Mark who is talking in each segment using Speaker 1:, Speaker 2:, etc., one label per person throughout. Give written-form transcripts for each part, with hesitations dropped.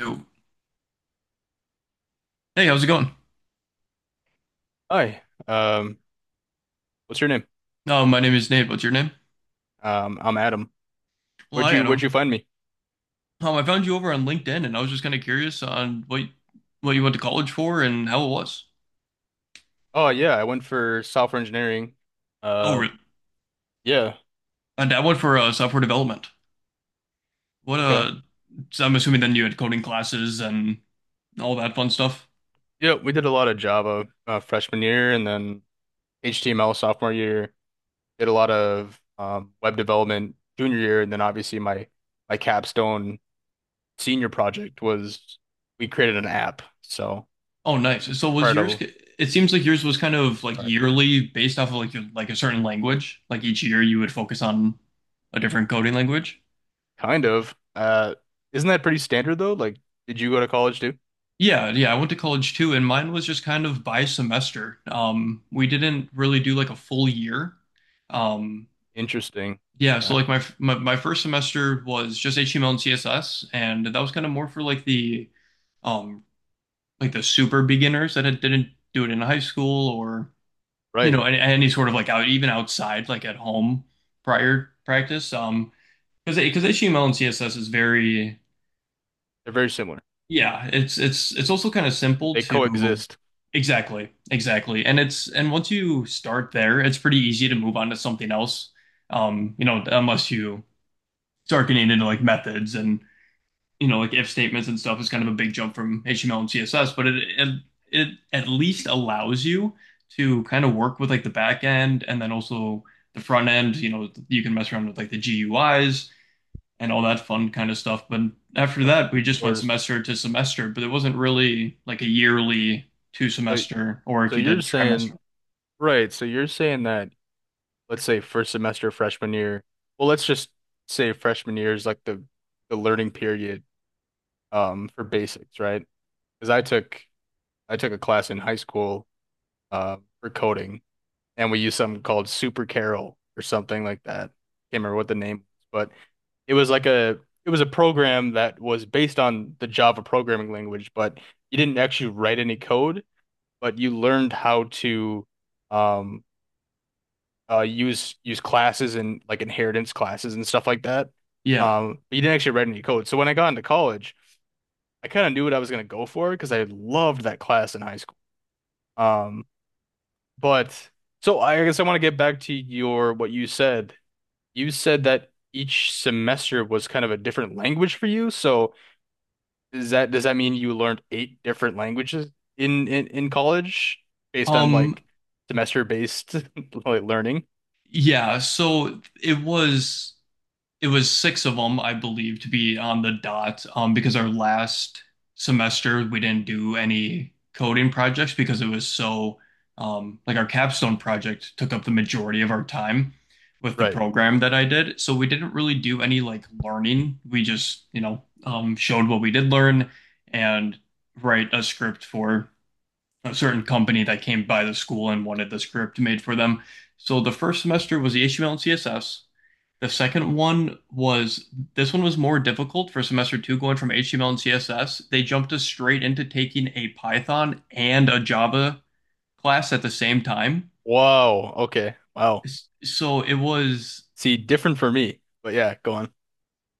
Speaker 1: Yo. Hey, how's it going?
Speaker 2: Hi, um, what's your name?
Speaker 1: No, my name is Nate. What's your name?
Speaker 2: I'm Adam.
Speaker 1: Well,
Speaker 2: Where'd
Speaker 1: hi,
Speaker 2: you where'd
Speaker 1: Adam.
Speaker 2: you find me?
Speaker 1: I found you over on LinkedIn, and I was just kind of curious on what you went to college for and how it was.
Speaker 2: Oh yeah, I went for software engineering.
Speaker 1: Oh,
Speaker 2: Uh,
Speaker 1: really?
Speaker 2: yeah,
Speaker 1: And I went for software development. What
Speaker 2: okay.
Speaker 1: So I'm assuming then you had coding classes and all that fun stuff.
Speaker 2: Yeah, we did a lot of Java freshman year, and then HTML sophomore year. Did a lot of web development junior year, and then obviously my capstone senior project was we created an app. So
Speaker 1: Oh, nice. So was
Speaker 2: part
Speaker 1: yours?
Speaker 2: of,
Speaker 1: It seems like yours was kind of like
Speaker 2: or
Speaker 1: yearly, based off of like your, like a certain language. Like each year, you would focus on a different coding language.
Speaker 2: kind of isn't that pretty standard though? Like, did you go to college too?
Speaker 1: Yeah, yeah, I went to college too, and mine was just kind of by semester. We didn't really do like a full year. Um,
Speaker 2: Interesting.
Speaker 1: yeah, so
Speaker 2: Yeah.
Speaker 1: like my, f- my first semester was just HTML and CSS, and that was kind of more for um like the super beginners that didn't do it in high school or you
Speaker 2: Right.
Speaker 1: know any sort of like out even outside like at home prior practice. Because HTML and CSS is very—
Speaker 2: They're very similar.
Speaker 1: yeah, it's it's also kind of simple
Speaker 2: They
Speaker 1: to—
Speaker 2: coexist,
Speaker 1: exactly, exactly. And it's— and once you start there, it's pretty easy to move on to something else. You know, unless you start getting into like methods and, you know, like if statements and stuff is kind of a big jump from HTML and CSS, but it at least allows you to kind of work with like the back end and then also the front end, you know, you can mess around with like the GUIs and all that fun kind of stuff. But after
Speaker 2: of
Speaker 1: that, we just went
Speaker 2: course.
Speaker 1: semester to semester, but it wasn't really like a yearly two
Speaker 2: So,
Speaker 1: semester or
Speaker 2: so
Speaker 1: if you
Speaker 2: you're
Speaker 1: did trimester.
Speaker 2: saying, right? So you're saying that, let's say first semester freshman year. Well, let's just say freshman year is like the learning period for basics, right? Because I took a class in high school for coding, and we used something called Super Carol or something like that. Can't remember what the name was, but it was like a, it was a program that was based on the Java programming language, but you didn't actually write any code. But you learned how to um use classes and like inheritance classes and stuff like that.
Speaker 1: Yeah.
Speaker 2: But you didn't actually write any code. So when I got into college, I kind of knew what I was going to go for because I loved that class in high school. Um, but so I guess I want to get back to your what you said. You said that each semester was kind of a different language for you. So is that, does that mean you learned eight different languages in college based on
Speaker 1: Um,
Speaker 2: like semester based like learning?
Speaker 1: yeah, so it was six of them, I believe, to be on the dot. Because our last semester we didn't do any coding projects because it was so like our capstone project took up the majority of our time with the
Speaker 2: Right.
Speaker 1: program that I did. So we didn't really do any like learning. We just, you know, showed what we did learn and write a script for a certain company that came by the school and wanted the script made for them. So the first semester was the HTML and CSS. The second one was— this one was more difficult for semester two going from HTML and CSS. They jumped us straight into taking a Python and a Java class at the same time.
Speaker 2: Whoa. Okay. Wow.
Speaker 1: So it was—
Speaker 2: See, different for me. But yeah, go on.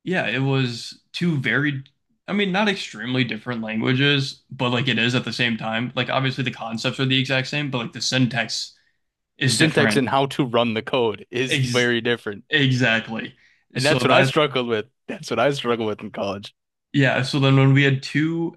Speaker 1: yeah, it was two very— I mean, not extremely different languages, but like it is at the same time. Like obviously the concepts are the exact same, but like the syntax
Speaker 2: The
Speaker 1: is
Speaker 2: syntax
Speaker 1: different.
Speaker 2: and how to run the code is
Speaker 1: Ex
Speaker 2: very different.
Speaker 1: Exactly.
Speaker 2: And
Speaker 1: So
Speaker 2: that's what I
Speaker 1: that's—
Speaker 2: struggled with. That's what I struggled with in college.
Speaker 1: yeah. So then when we had two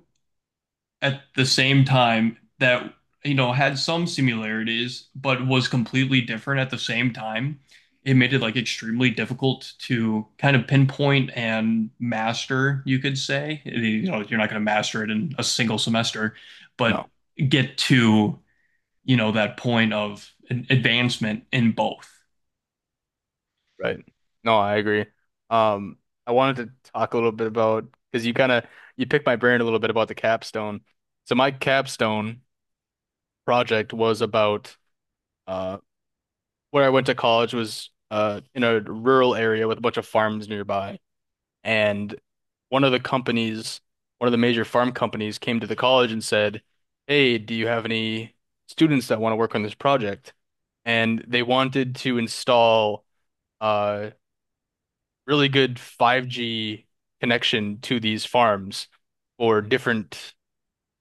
Speaker 1: at the same time that you know had some similarities but was completely different at the same time, it made it like extremely difficult to kind of pinpoint and master, you could say, you know, like, you're not going to master it in a single semester, but
Speaker 2: No,
Speaker 1: get to, you know, that point of an advancement in both.
Speaker 2: right. No, I agree. Um, I wanted to talk a little bit about because you kind of, you picked my brain a little bit about the capstone. So my capstone project was about. Uh, where I went to college was in a rural area with a bunch of farms nearby. And one of the companies, one of the major farm companies, came to the college and said, hey, do you have any students that want to work on this project? And they wanted to install uh, really good 5G connection to these farms for different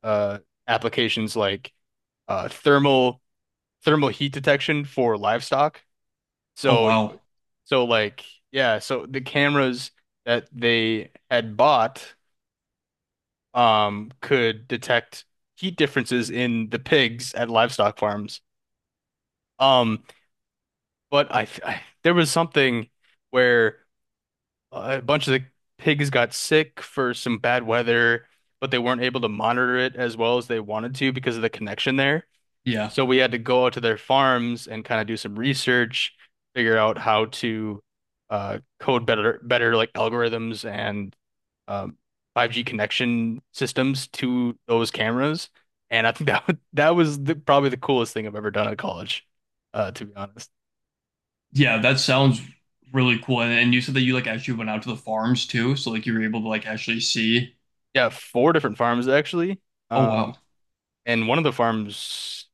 Speaker 2: uh, applications like uh, thermal thermal heat detection for livestock.
Speaker 1: Oh
Speaker 2: So,
Speaker 1: wow.
Speaker 2: so like, yeah, so the cameras that they had bought could detect heat differences in the pigs at livestock farms. Um, but I, there was something where a bunch of the pigs got sick for some bad weather, but they weren't able to monitor it as well as they wanted to because of the connection there.
Speaker 1: Yeah,
Speaker 2: So we had to go out to their farms and kind of do some research, figure out how to code better, like algorithms and um, 5G connection systems to those cameras. And I think that that was the, probably the coolest thing I've ever done at college, to be honest.
Speaker 1: yeah, that sounds really cool. And you said that you like actually went out to the farms too, so like you were able to like actually see.
Speaker 2: Yeah, four different farms actually.
Speaker 1: Oh wow.
Speaker 2: Um, and one of the farms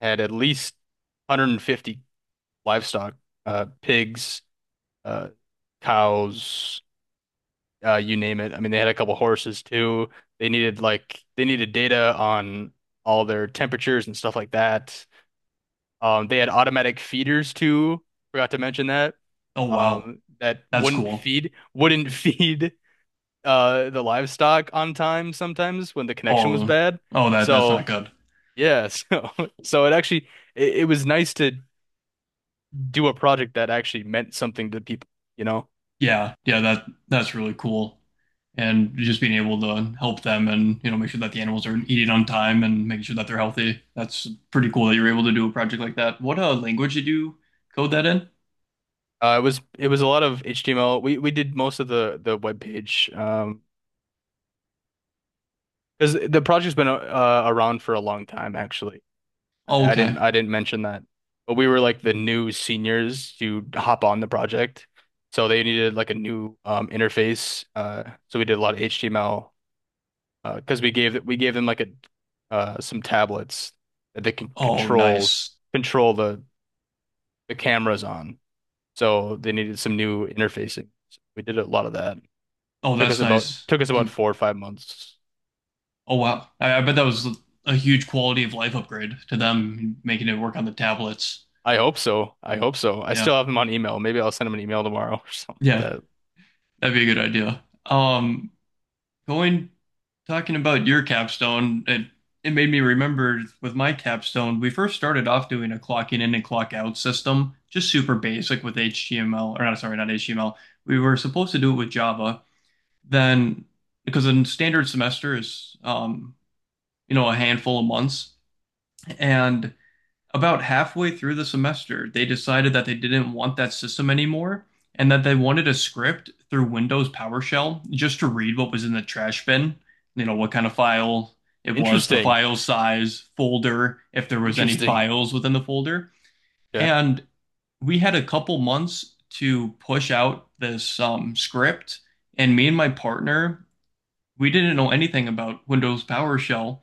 Speaker 2: had at least 150 livestock, pigs, uh, cows, you name it. I mean, they had a couple horses too. They needed like they needed data on all their temperatures and stuff like that. They had automatic feeders too. Forgot to mention that.
Speaker 1: Oh wow,
Speaker 2: That
Speaker 1: that's
Speaker 2: wouldn't
Speaker 1: cool.
Speaker 2: feed wouldn't feed the livestock on time sometimes when the connection was
Speaker 1: Oh,
Speaker 2: bad.
Speaker 1: oh that that's not
Speaker 2: So
Speaker 1: good.
Speaker 2: yeah, so so it actually, it was nice to do a project that actually meant something to people, you know?
Speaker 1: Yeah, yeah, that that's really cool. And just being able to help them and you know make sure that the animals are eating on time and making sure that they're healthy. That's pretty cool that you're able to do a project like that. What language did you code that in?
Speaker 2: It was a lot of HTML. We did most of the web page, because the project's been around for a long time actually.
Speaker 1: Oh,
Speaker 2: I, I didn't
Speaker 1: okay.
Speaker 2: I didn't mention that, but we were like the new seniors to hop on the project, so they needed like a new interface. So we did a lot of HTML because we gave them like a, some tablets that they can
Speaker 1: Oh,
Speaker 2: control
Speaker 1: nice.
Speaker 2: control the cameras on. So they needed some new interfacing. So we did a lot of that.
Speaker 1: Oh,
Speaker 2: Took
Speaker 1: that's
Speaker 2: us about
Speaker 1: nice.
Speaker 2: took us about
Speaker 1: Some.
Speaker 2: 4 or 5 months.
Speaker 1: Oh wow, I bet that was a huge quality of life upgrade to them, making it work on the tablets.
Speaker 2: I hope so. I hope so. I
Speaker 1: Yeah,
Speaker 2: still have him on email. Maybe I'll send him an email tomorrow or something
Speaker 1: yeah,
Speaker 2: like that.
Speaker 1: that'd be a good idea. Going Talking about your capstone, it made me remember with my capstone, we first started off doing a clocking in and clock out system, just super basic with HTML— or not, sorry, not HTML. We were supposed to do it with Java. Then, because a standard semester is, you know, a handful of months, and about halfway through the semester, they decided that they didn't want that system anymore and that they wanted a script through Windows PowerShell just to read what was in the trash bin, you know, what kind of file it was, the
Speaker 2: Interesting.
Speaker 1: file size, folder, if there was any
Speaker 2: Interesting.
Speaker 1: files within the folder.
Speaker 2: Yeah.
Speaker 1: And we had a couple months to push out this script, and me and my partner, we didn't know anything about Windows PowerShell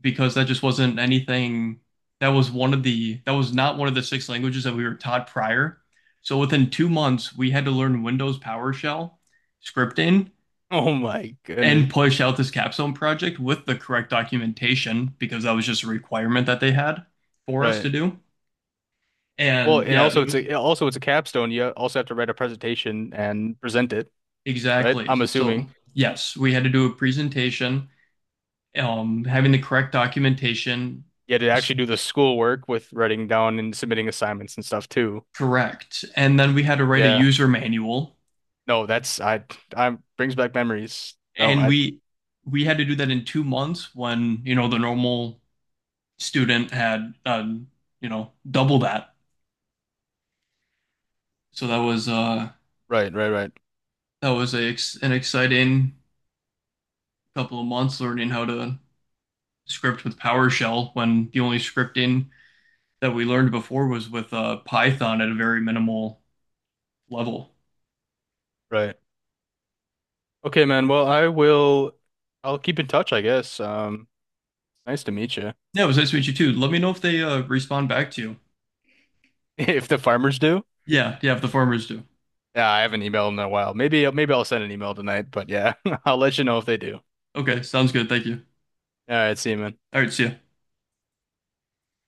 Speaker 1: because that just wasn't anything— that was not one of the six languages that we were taught prior. So within 2 months, we had to learn Windows PowerShell scripting
Speaker 2: Oh my
Speaker 1: and
Speaker 2: goodness.
Speaker 1: push out this capstone project with the correct documentation because that was just a requirement that they had for us to
Speaker 2: Right.
Speaker 1: do.
Speaker 2: Well,
Speaker 1: And
Speaker 2: and
Speaker 1: yeah,
Speaker 2: also
Speaker 1: it
Speaker 2: it's
Speaker 1: was—
Speaker 2: a, also it's a capstone. You also have to write a presentation and present it, right?
Speaker 1: exactly.
Speaker 2: I'm
Speaker 1: So
Speaker 2: assuming.
Speaker 1: yes, we had to do a presentation, having the correct documentation,
Speaker 2: You had to
Speaker 1: just—
Speaker 2: actually do the schoolwork with writing down and submitting assignments and stuff too.
Speaker 1: correct. And then we had to write a
Speaker 2: Yeah.
Speaker 1: user manual,
Speaker 2: No, that's I brings back memories. No,
Speaker 1: and
Speaker 2: I
Speaker 1: we had to do that in 2 months when you know the normal student had you know double that. So
Speaker 2: right, right, right,
Speaker 1: that was a, an exciting couple of months learning how to script with PowerShell when the only scripting that we learned before was with Python at a very minimal level.
Speaker 2: right. Okay, man. Well, I will. I'll keep in touch, I guess. Nice to meet you.
Speaker 1: Yeah, it was nice to meet you too. Let me know if they respond back to you.
Speaker 2: If the farmers do,
Speaker 1: Yeah, yeah, if the farmers do.
Speaker 2: yeah, I haven't emailed in a while. Maybe, maybe I'll send an email tonight. But yeah, I'll let you know if they do.
Speaker 1: Okay, sounds good. Thank you.
Speaker 2: All right, see you, man.
Speaker 1: All right, see ya.